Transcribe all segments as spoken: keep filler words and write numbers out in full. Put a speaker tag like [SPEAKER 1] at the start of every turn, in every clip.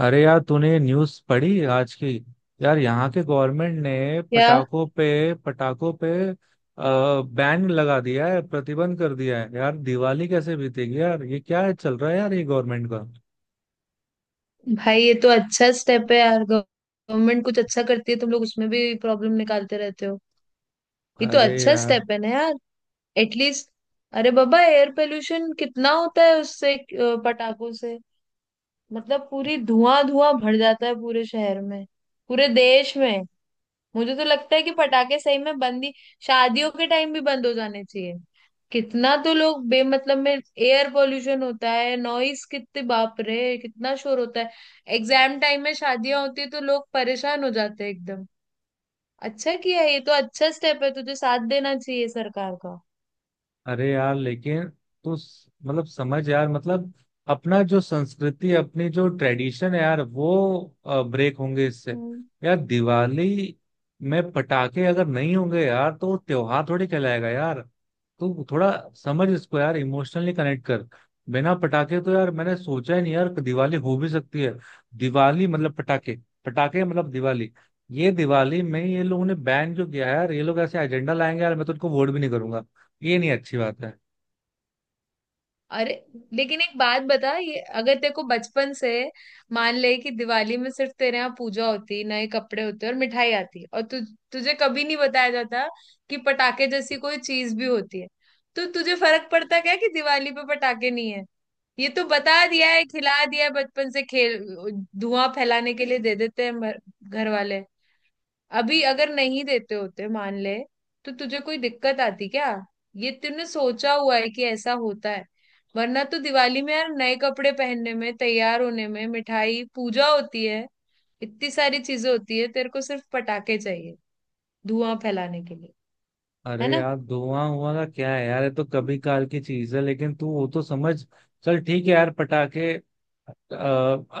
[SPEAKER 1] अरे यार तूने न्यूज़ पढ़ी आज की। यार यहाँ के गवर्नमेंट ने
[SPEAKER 2] क्या?
[SPEAKER 1] पटाखों पे पटाखों पे बैन लगा दिया है, प्रतिबंध कर दिया है यार। दिवाली कैसे बीतेगी यार? ये क्या है चल रहा है यार ये गवर्नमेंट का?
[SPEAKER 2] भाई, ये तो अच्छा स्टेप है यार। गवर्नमेंट कुछ अच्छा करती है तुम लोग उसमें भी प्रॉब्लम निकालते रहते हो। ये तो
[SPEAKER 1] अरे
[SPEAKER 2] अच्छा
[SPEAKER 1] यार,
[SPEAKER 2] स्टेप है ना यार, एटलीस्ट। अरे बाबा, एयर पोल्यूशन कितना होता है उससे, अ, पटाखों से। मतलब पूरी धुआं धुआं भर जाता है पूरे शहर में, पूरे देश में। मुझे तो लगता है कि पटाखे सही में बंद ही, शादियों के टाइम भी बंद हो जाने चाहिए। कितना तो लोग बेमतलब में एयर पोल्यूशन होता है, नॉइस कितने, बाप रे कितना शोर होता है। एग्जाम टाइम में शादियां होती है तो लोग परेशान हो जाते हैं एकदम। अच्छा किया, ये तो अच्छा स्टेप है, तुझे साथ देना चाहिए सरकार का।
[SPEAKER 1] अरे यार लेकिन तू स- मतलब समझ यार, मतलब अपना जो संस्कृति, अपनी जो ट्रेडिशन है यार वो ब्रेक होंगे इससे।
[SPEAKER 2] हम्म।
[SPEAKER 1] यार दिवाली में पटाखे अगर नहीं होंगे यार, तो वो त्योहार थोड़ी कहलाएगा यार। तू थोड़ा समझ इसको यार, इमोशनली कनेक्ट कर। बिना पटाखे तो यार मैंने सोचा ही नहीं यार कि दिवाली हो भी सकती है। दिवाली मतलब पटाखे, पटाखे मतलब दिवाली। ये दिवाली में ये लोगों ने बैन जो किया है यार, ये लोग ऐसे एजेंडा लाएंगे यार, मैं तो उनको वोट भी नहीं करूंगा। ये नहीं अच्छी बात है।
[SPEAKER 2] अरे लेकिन एक बात बता, ये अगर तेरे को बचपन से, मान ले कि दिवाली में सिर्फ तेरे यहाँ पूजा होती, नए कपड़े होते और मिठाई आती और तु, तुझे कभी नहीं बताया जाता कि पटाखे जैसी कोई चीज भी होती है, तो तुझे फर्क पड़ता क्या कि दिवाली पे पटाखे नहीं है? ये तो बता दिया है, खिला दिया है बचपन से खेल, धुआं फैलाने के लिए दे देते हैं मर- घर वाले। अभी अगर नहीं देते होते मान ले तो तुझे कोई दिक्कत आती क्या? ये तूने सोचा हुआ है कि ऐसा होता है। वरना तो दिवाली में यार नए कपड़े पहनने में, तैयार होने में, मिठाई, पूजा होती है, इतनी सारी चीजें होती है। तेरे को सिर्फ पटाखे चाहिए धुआं फैलाने के लिए। है
[SPEAKER 1] अरे
[SPEAKER 2] ना?
[SPEAKER 1] यार धुआं हुआ का क्या है यार, ये तो कभी काल की चीज है, लेकिन तू वो तो समझ। चल ठीक है यार पटाखे, अ,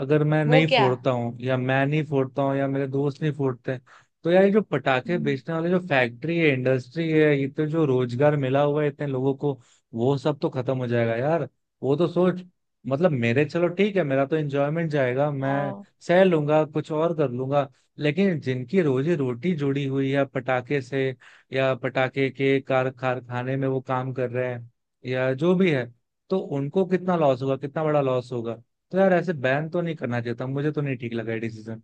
[SPEAKER 1] अगर मैं
[SPEAKER 2] वो
[SPEAKER 1] नहीं
[SPEAKER 2] क्या?
[SPEAKER 1] फोड़ता हूँ, या मैं नहीं फोड़ता हूँ, या मेरे दोस्त नहीं फोड़ते हैं, तो यार ये जो पटाखे
[SPEAKER 2] हम्म।
[SPEAKER 1] बेचने वाले जो फैक्ट्री है, इंडस्ट्री है, ये तो जो रोजगार मिला हुआ है इतने लोगों को, वो सब तो खत्म हो जाएगा यार। वो तो सोच। मतलब मेरे, चलो ठीक है, मेरा तो एंजॉयमेंट जाएगा, मैं
[SPEAKER 2] हाँ।
[SPEAKER 1] सह लूंगा, कुछ और कर लूंगा। लेकिन जिनकी रोजी रोटी जुड़ी हुई है पटाखे से, या पटाखे के कार कारखाने में वो काम कर रहे हैं, या जो भी है, तो उनको कितना लॉस होगा, कितना बड़ा लॉस होगा। तो यार ऐसे बैन तो नहीं करना चाहिए था, मुझे तो नहीं ठीक लगा ये डिसीजन।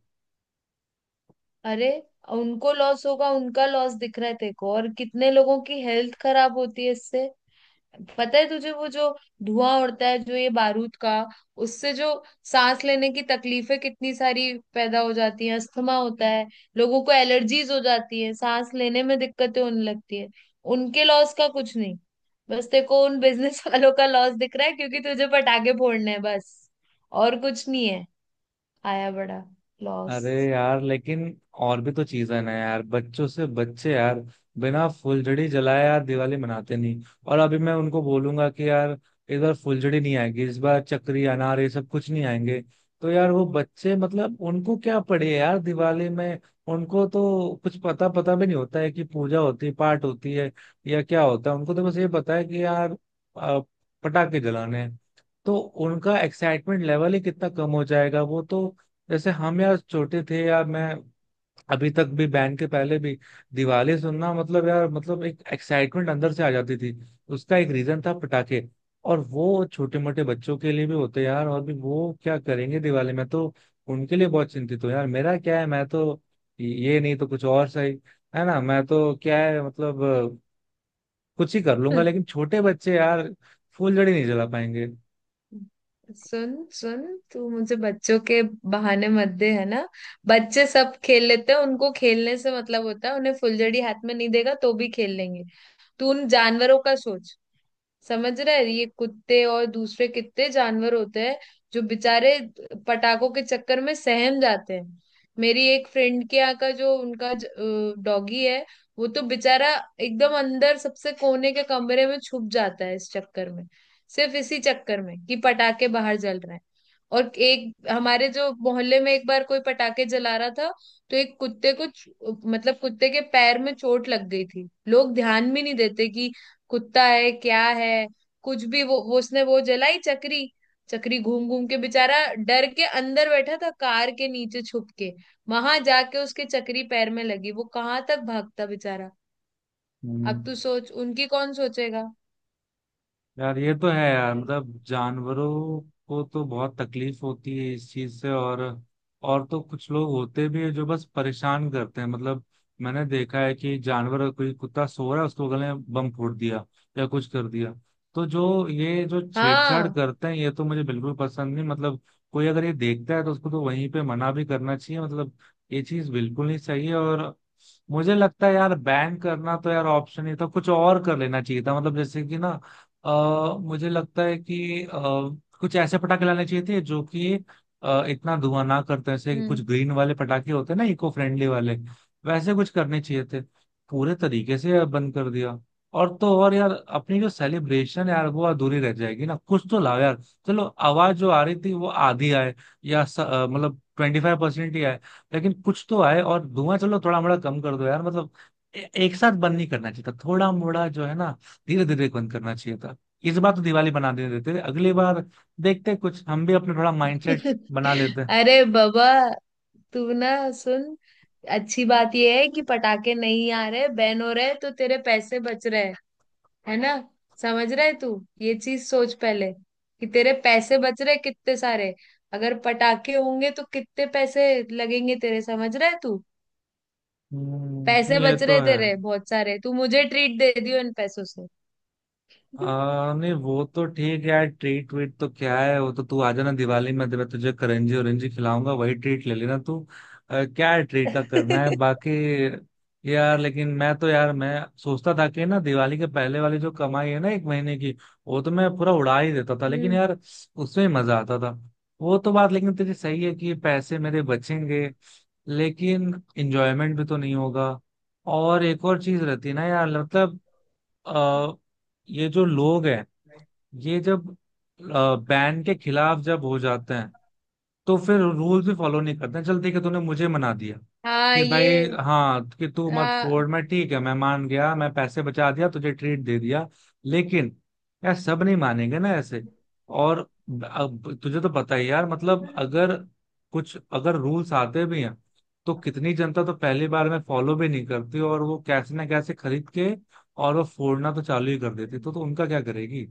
[SPEAKER 2] अरे, उनको लॉस होगा, उनका लॉस दिख रहा है तेरे को, और कितने लोगों की हेल्थ खराब होती है इससे, पता है तुझे? वो जो धुआं उड़ता है जो ये बारूद का, उससे जो सांस लेने की तकलीफें कितनी सारी पैदा हो जाती हैं, अस्थमा होता है लोगों को, एलर्जीज हो जाती है, सांस लेने में दिक्कतें होने लगती है। उनके लॉस का कुछ नहीं, बस तेरे को उन बिजनेस वालों का लॉस दिख रहा है क्योंकि तुझे पटाखे फोड़ने हैं, बस। और कुछ नहीं है। आया बड़ा लॉस।
[SPEAKER 1] अरे यार लेकिन और भी तो चीजें ना यार, बच्चों से बच्चे यार बिना फुलझड़ी जलाए यार दिवाली मनाते नहीं, और अभी मैं उनको बोलूंगा कि यार इस बार फुलझड़ी नहीं आएगी, इस बार चक्री अनार ये सब कुछ नहीं आएंगे, तो यार वो बच्चे, मतलब उनको क्या पड़े यार दिवाली में? उनको तो कुछ पता पता भी नहीं होता है कि पूजा होती है, पाठ होती है, या क्या होता है। उनको तो बस ये पता है कि यार अ, पटाखे जलाने हैं। तो उनका एक्साइटमेंट लेवल ही कितना कम हो जाएगा। वो तो जैसे हम यार छोटे थे यार, मैं अभी तक भी बैंड के पहले भी दिवाली सुनना मतलब यार, मतलब एक एक्साइटमेंट अंदर से आ जाती थी। उसका एक रीजन था पटाखे। और वो छोटे मोटे बच्चों के लिए भी होते यार, और भी वो क्या करेंगे दिवाली में तो। उनके लिए बहुत चिंतित हूँ यार, मेरा क्या है, मैं तो ये नहीं तो कुछ और सही, है ना। मैं तो, क्या है मतलब, कुछ ही कर लूंगा,
[SPEAKER 2] हम्म।
[SPEAKER 1] लेकिन छोटे बच्चे यार फुलझड़ी नहीं जला पाएंगे।
[SPEAKER 2] सुन, सुन, तू मुझे बच्चों के बहाने मत दे, है ना? बच्चे सब खेल लेते हैं, उनको खेलने से मतलब होता है, उन्हें फुलझड़ी हाथ में नहीं देगा तो भी खेल लेंगे। तू उन जानवरों का सोच। समझ रहे हैं? ये कुत्ते और दूसरे कितने जानवर होते हैं जो बेचारे पटाखों के चक्कर में सहम जाते हैं। मेरी एक फ्रेंड के यहाँ का जो उनका डॉगी है, वो तो बेचारा एकदम अंदर सबसे कोने के कमरे में छुप जाता है इस चक्कर में, सिर्फ इसी चक्कर में कि पटाखे बाहर जल रहे हैं। और एक हमारे जो मोहल्ले में एक बार कोई पटाखे जला रहा था, तो एक कुत्ते को च- मतलब कुत्ते के पैर में चोट लग गई थी। लोग ध्यान भी नहीं देते कि कुत्ता है क्या है कुछ भी, वो, वो उसने वो जलाई चक्री, चक्री घूम घूम के, बेचारा डर के अंदर बैठा था कार के नीचे छुप के, वहां जाके उसके चक्री पैर में लगी, वो कहाँ तक भागता बेचारा।
[SPEAKER 1] हम्म।
[SPEAKER 2] अब तू सोच, उनकी कौन सोचेगा।
[SPEAKER 1] यार ये तो है यार, मतलब जानवरों को तो बहुत तकलीफ होती है इस चीज से। और और तो कुछ लोग होते भी है जो बस परेशान करते हैं मतलब, मैंने देखा है कि जानवर, कोई कुत्ता सो रहा है, उसको गले में बम फोड़ दिया या कुछ कर दिया। तो जो ये जो छेड़छाड़
[SPEAKER 2] हाँ।
[SPEAKER 1] करते हैं, ये तो मुझे बिल्कुल पसंद नहीं मतलब। कोई अगर ये देखता है तो उसको तो वहीं पे मना भी करना चाहिए मतलब। ये चीज बिल्कुल नहीं सही है। और मुझे लगता है यार, बैन करना तो यार ऑप्शन ही था, कुछ और कर लेना चाहिए था, मतलब जैसे कि ना अ, मुझे लगता है कि अ, कुछ ऐसे पटाखे लाने चाहिए थे जो कि अ, इतना धुआं ना करते हैं। जैसे कि कुछ
[SPEAKER 2] हम्म।
[SPEAKER 1] ग्रीन वाले पटाखे होते हैं ना, इको फ्रेंडली वाले, वैसे कुछ करने चाहिए थे। पूरे तरीके से बंद कर दिया। और तो और यार अपनी जो सेलिब्रेशन यार, वो अधूरी रह जाएगी ना, कुछ तो लाओ यार। चलो आवाज जो आ रही थी वो आधी आए, या स- अ, मतलब ट्वेंटी फाइव परसेंट ही आए, लेकिन कुछ तो आए। और धुआं चलो थोड़ा मोड़ा कम कर दो यार, मतलब ए- एक साथ बंद नहीं करना चाहिए था, थोड़ा मोड़ा जो है ना, धीरे धीरे बंद करना चाहिए था। इस बार तो दिवाली बना दे देते थे, अगली बार देखते हैं, कुछ हम भी अपने थोड़ा माइंडसेट बना लेते हैं।
[SPEAKER 2] अरे बाबा, तू ना सुन, अच्छी बात यह है कि पटाखे नहीं आ रहे, बैन हो रहे, तो तेरे पैसे बच रहे हैं, है ना? समझ रहे तू? ये चीज सोच पहले, कि तेरे पैसे बच रहे कितने सारे। अगर पटाखे होंगे तो कितने पैसे लगेंगे तेरे, समझ रहे तू?
[SPEAKER 1] हम्म,
[SPEAKER 2] पैसे
[SPEAKER 1] ये
[SPEAKER 2] बच
[SPEAKER 1] तो
[SPEAKER 2] रहे
[SPEAKER 1] है।
[SPEAKER 2] तेरे बहुत सारे, तू मुझे ट्रीट दे दियो इन पैसों से।
[SPEAKER 1] आ, नहीं वो तो ठीक है यार, ट्रीट वीट तो क्या है, वो तो तू आ जाना दिवाली में, तो मैं तुझे करंजी औरंजी खिलाऊंगा, वही ट्रीट ले लेना तू। आ, क्या है ट्रीट का करना है बाकी। यार लेकिन मैं तो यार, मैं सोचता था कि ना दिवाली के पहले वाली जो कमाई है ना एक महीने की, वो तो मैं पूरा उड़ा ही देता था, लेकिन
[SPEAKER 2] हम्म।
[SPEAKER 1] यार उसमें ही मजा आता था। वो तो बात लेकिन तेरी सही है कि पैसे मेरे बचेंगे, लेकिन इंजॉयमेंट भी तो नहीं होगा। और एक और चीज रहती है ना यार, मतलब अ, ये जो लोग हैं, ये जब बैन के खिलाफ जब हो जाते हैं, तो फिर रूल्स भी फॉलो नहीं करते हैं। चल ठीक है, तूने मुझे मना दिया
[SPEAKER 2] हाँ
[SPEAKER 1] कि भाई,
[SPEAKER 2] ये,
[SPEAKER 1] हाँ, कि तू मत फोड़,
[SPEAKER 2] हाँ।
[SPEAKER 1] मैं ठीक है, मैं मान गया, मैं पैसे बचा दिया, तुझे ट्रीट दे दिया। लेकिन यार सब नहीं मानेंगे ना ऐसे। और अब तुझे तो पता ही यार, मतलब अगर कुछ अगर रूल्स आते भी हैं, तो कितनी जनता तो पहली बार में फॉलो भी नहीं करती, और वो कैसे ना कैसे खरीद के और वो फोड़ना तो चालू ही कर देती, तो, तो उनका क्या करेगी।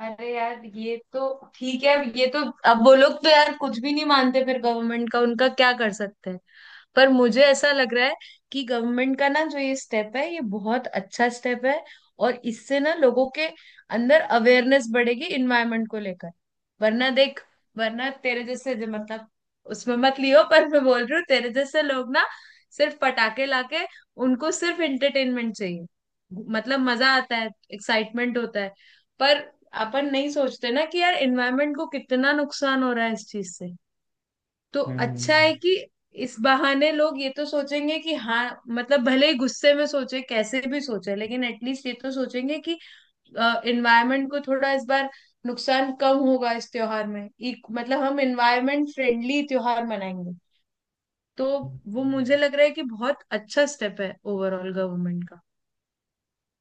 [SPEAKER 2] अरे यार, ये तो ठीक है। अब ये तो, अब वो लोग तो यार कुछ भी नहीं मानते फिर, गवर्नमेंट का उनका क्या कर सकते हैं। पर मुझे ऐसा लग रहा है कि गवर्नमेंट का ना जो ये स्टेप है ये बहुत अच्छा स्टेप है, और इससे ना लोगों के अंदर अवेयरनेस बढ़ेगी इन्वायरमेंट को लेकर। वरना देख, वरना तेरे जैसे जो मतलब, उसमें मत लियो पर मैं बोल रही हूँ, तेरे जैसे लोग ना सिर्फ पटाखे लाके, उनको सिर्फ एंटरटेनमेंट चाहिए। मतलब मजा आता है, एक्साइटमेंट होता है, पर अपन नहीं सोचते ना कि यार एनवायरनमेंट को कितना नुकसान हो रहा है इस चीज से। तो
[SPEAKER 1] हम्म
[SPEAKER 2] अच्छा
[SPEAKER 1] हम्म।
[SPEAKER 2] है कि इस बहाने लोग ये तो सोचेंगे कि हाँ, मतलब भले ही गुस्से में सोचे, कैसे भी सोचे, लेकिन एटलीस्ट ये तो सोचेंगे कि एनवायरनमेंट को थोड़ा इस बार नुकसान कम होगा इस त्योहार में, एक, मतलब हम एनवायरनमेंट फ्रेंडली त्योहार मनाएंगे। तो वो मुझे
[SPEAKER 1] हम्म।
[SPEAKER 2] लग रहा है कि बहुत अच्छा स्टेप है ओवरऑल गवर्नमेंट का।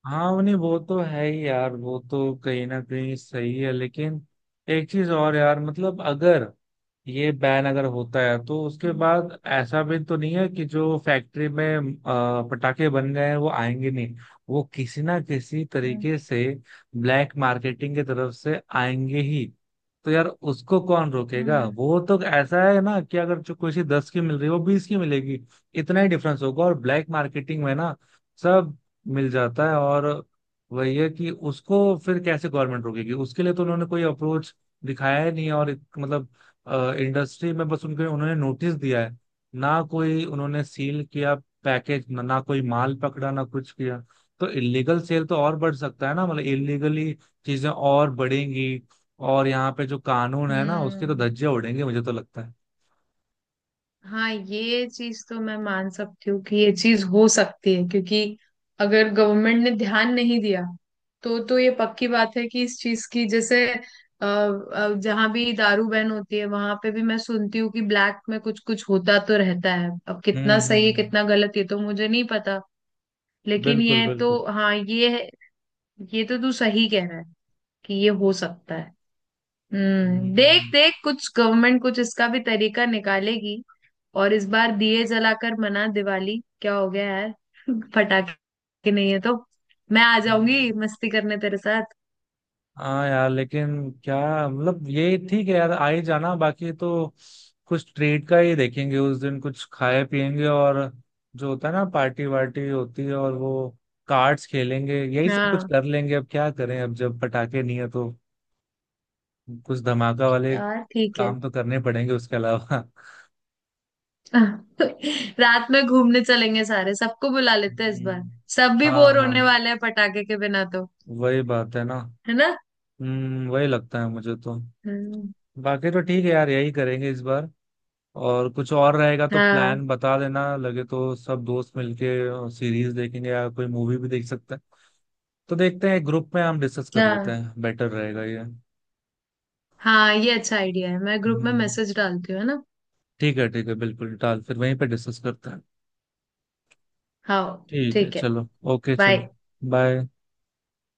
[SPEAKER 1] हाँ उन्हें, वो तो है ही यार, वो तो कहीं ना कहीं सही है, लेकिन एक चीज और यार मतलब, अगर ये बैन अगर होता है तो उसके
[SPEAKER 2] हम्म
[SPEAKER 1] बाद ऐसा भी तो नहीं है कि जो फैक्ट्री में अ, पटाखे बन गए हैं वो आएंगे नहीं। वो किसी ना किसी
[SPEAKER 2] हम्म
[SPEAKER 1] तरीके से ब्लैक मार्केटिंग की तरफ से आएंगे ही। तो यार उसको कौन रोकेगा?
[SPEAKER 2] हम्म
[SPEAKER 1] वो तो ऐसा है ना, कि अगर जो कोई चीज दस की मिल रही है वो बीस की मिलेगी, इतना ही डिफरेंस होगा। और ब्लैक मार्केटिंग में ना सब मिल जाता है। और वही है कि उसको फिर कैसे गवर्नमेंट रोकेगी? उसके लिए तो उन्होंने कोई अप्रोच दिखाया ही नहीं है। और इत- मतलब इंडस्ट्री में बस उनके, उन्होंने नोटिस दिया है, ना कोई उन्होंने सील किया पैकेज, ना, ना कोई माल पकड़ा, ना कुछ किया। तो इलीगल सेल तो और बढ़ सकता है ना, मतलब इलीगली चीजें और बढ़ेंगी। और यहाँ पे जो कानून है ना उसके तो
[SPEAKER 2] हम्म।
[SPEAKER 1] धज्जे उड़ेंगे, मुझे तो लगता है।
[SPEAKER 2] हाँ, ये चीज तो मैं मान सकती हूँ कि ये चीज हो सकती है, क्योंकि अगर गवर्नमेंट ने ध्यान नहीं दिया तो तो ये पक्की बात है कि इस चीज की, जैसे अ, अ, जहाँ भी दारू बैन होती है वहां पे भी मैं सुनती हूँ कि ब्लैक में कुछ कुछ होता तो रहता है। अब
[SPEAKER 1] हम्म
[SPEAKER 2] कितना सही है
[SPEAKER 1] हम्म।
[SPEAKER 2] कितना गलत ये तो मुझे नहीं पता, लेकिन
[SPEAKER 1] बिल्कुल
[SPEAKER 2] ये तो,
[SPEAKER 1] बिल्कुल।
[SPEAKER 2] हाँ ये है, ये तो तू सही कह रहा है कि ये हो सकता है। हम्म, देख
[SPEAKER 1] हम्म
[SPEAKER 2] देख, कुछ गवर्नमेंट कुछ इसका भी तरीका निकालेगी। और इस बार दिए जलाकर मना, दिवाली क्या हो गया यार। पटाखे नहीं है तो मैं आ
[SPEAKER 1] हम्म।
[SPEAKER 2] जाऊंगी मस्ती करने तेरे साथ।
[SPEAKER 1] हाँ यार लेकिन क्या, मतलब ये ठीक है यार, आ ही जाना, बाकी तो कुछ ट्रीट का ही देखेंगे उस दिन, कुछ खाए पिएंगे, और जो होता है ना पार्टी वार्टी होती है, और वो कार्ड्स खेलेंगे, यही सब कुछ
[SPEAKER 2] हाँ
[SPEAKER 1] कर लेंगे। अब क्या करें, अब जब पटाखे नहीं है तो कुछ धमाका वाले
[SPEAKER 2] यार ठीक है।
[SPEAKER 1] काम तो करने पड़ेंगे उसके अलावा।
[SPEAKER 2] रात में घूमने चलेंगे सारे, सबको बुला लेते हैं इस बार।
[SPEAKER 1] हम्म,
[SPEAKER 2] सब भी
[SPEAKER 1] हाँ
[SPEAKER 2] बोर होने
[SPEAKER 1] हाँ,
[SPEAKER 2] वाले हैं पटाखे के बिना तो।
[SPEAKER 1] वही बात है ना।
[SPEAKER 2] है ना?
[SPEAKER 1] हम्म, वही लगता है मुझे तो।
[SPEAKER 2] हम्म,
[SPEAKER 1] बाकी तो ठीक है यार, यही करेंगे इस बार। और कुछ और रहेगा तो
[SPEAKER 2] हाँ
[SPEAKER 1] प्लान बता देना, लगे तो सब दोस्त मिलके सीरीज देखेंगे या कोई मूवी भी देख सकते हैं। तो देखते हैं, ग्रुप में हम डिस्कस कर लेते
[SPEAKER 2] हाँ।
[SPEAKER 1] हैं, बेटर रहेगा ये।
[SPEAKER 2] हाँ ये अच्छा आइडिया है, मैं ग्रुप में
[SPEAKER 1] हम्म,
[SPEAKER 2] मैसेज डालती हूँ, है ना?
[SPEAKER 1] ठीक है ठीक है, बिल्कुल डाल, फिर वहीं पे डिस्कस करते हैं।
[SPEAKER 2] हाँ
[SPEAKER 1] ठीक है
[SPEAKER 2] ठीक है,
[SPEAKER 1] चलो। Okay
[SPEAKER 2] bye.
[SPEAKER 1] चलो। बाय।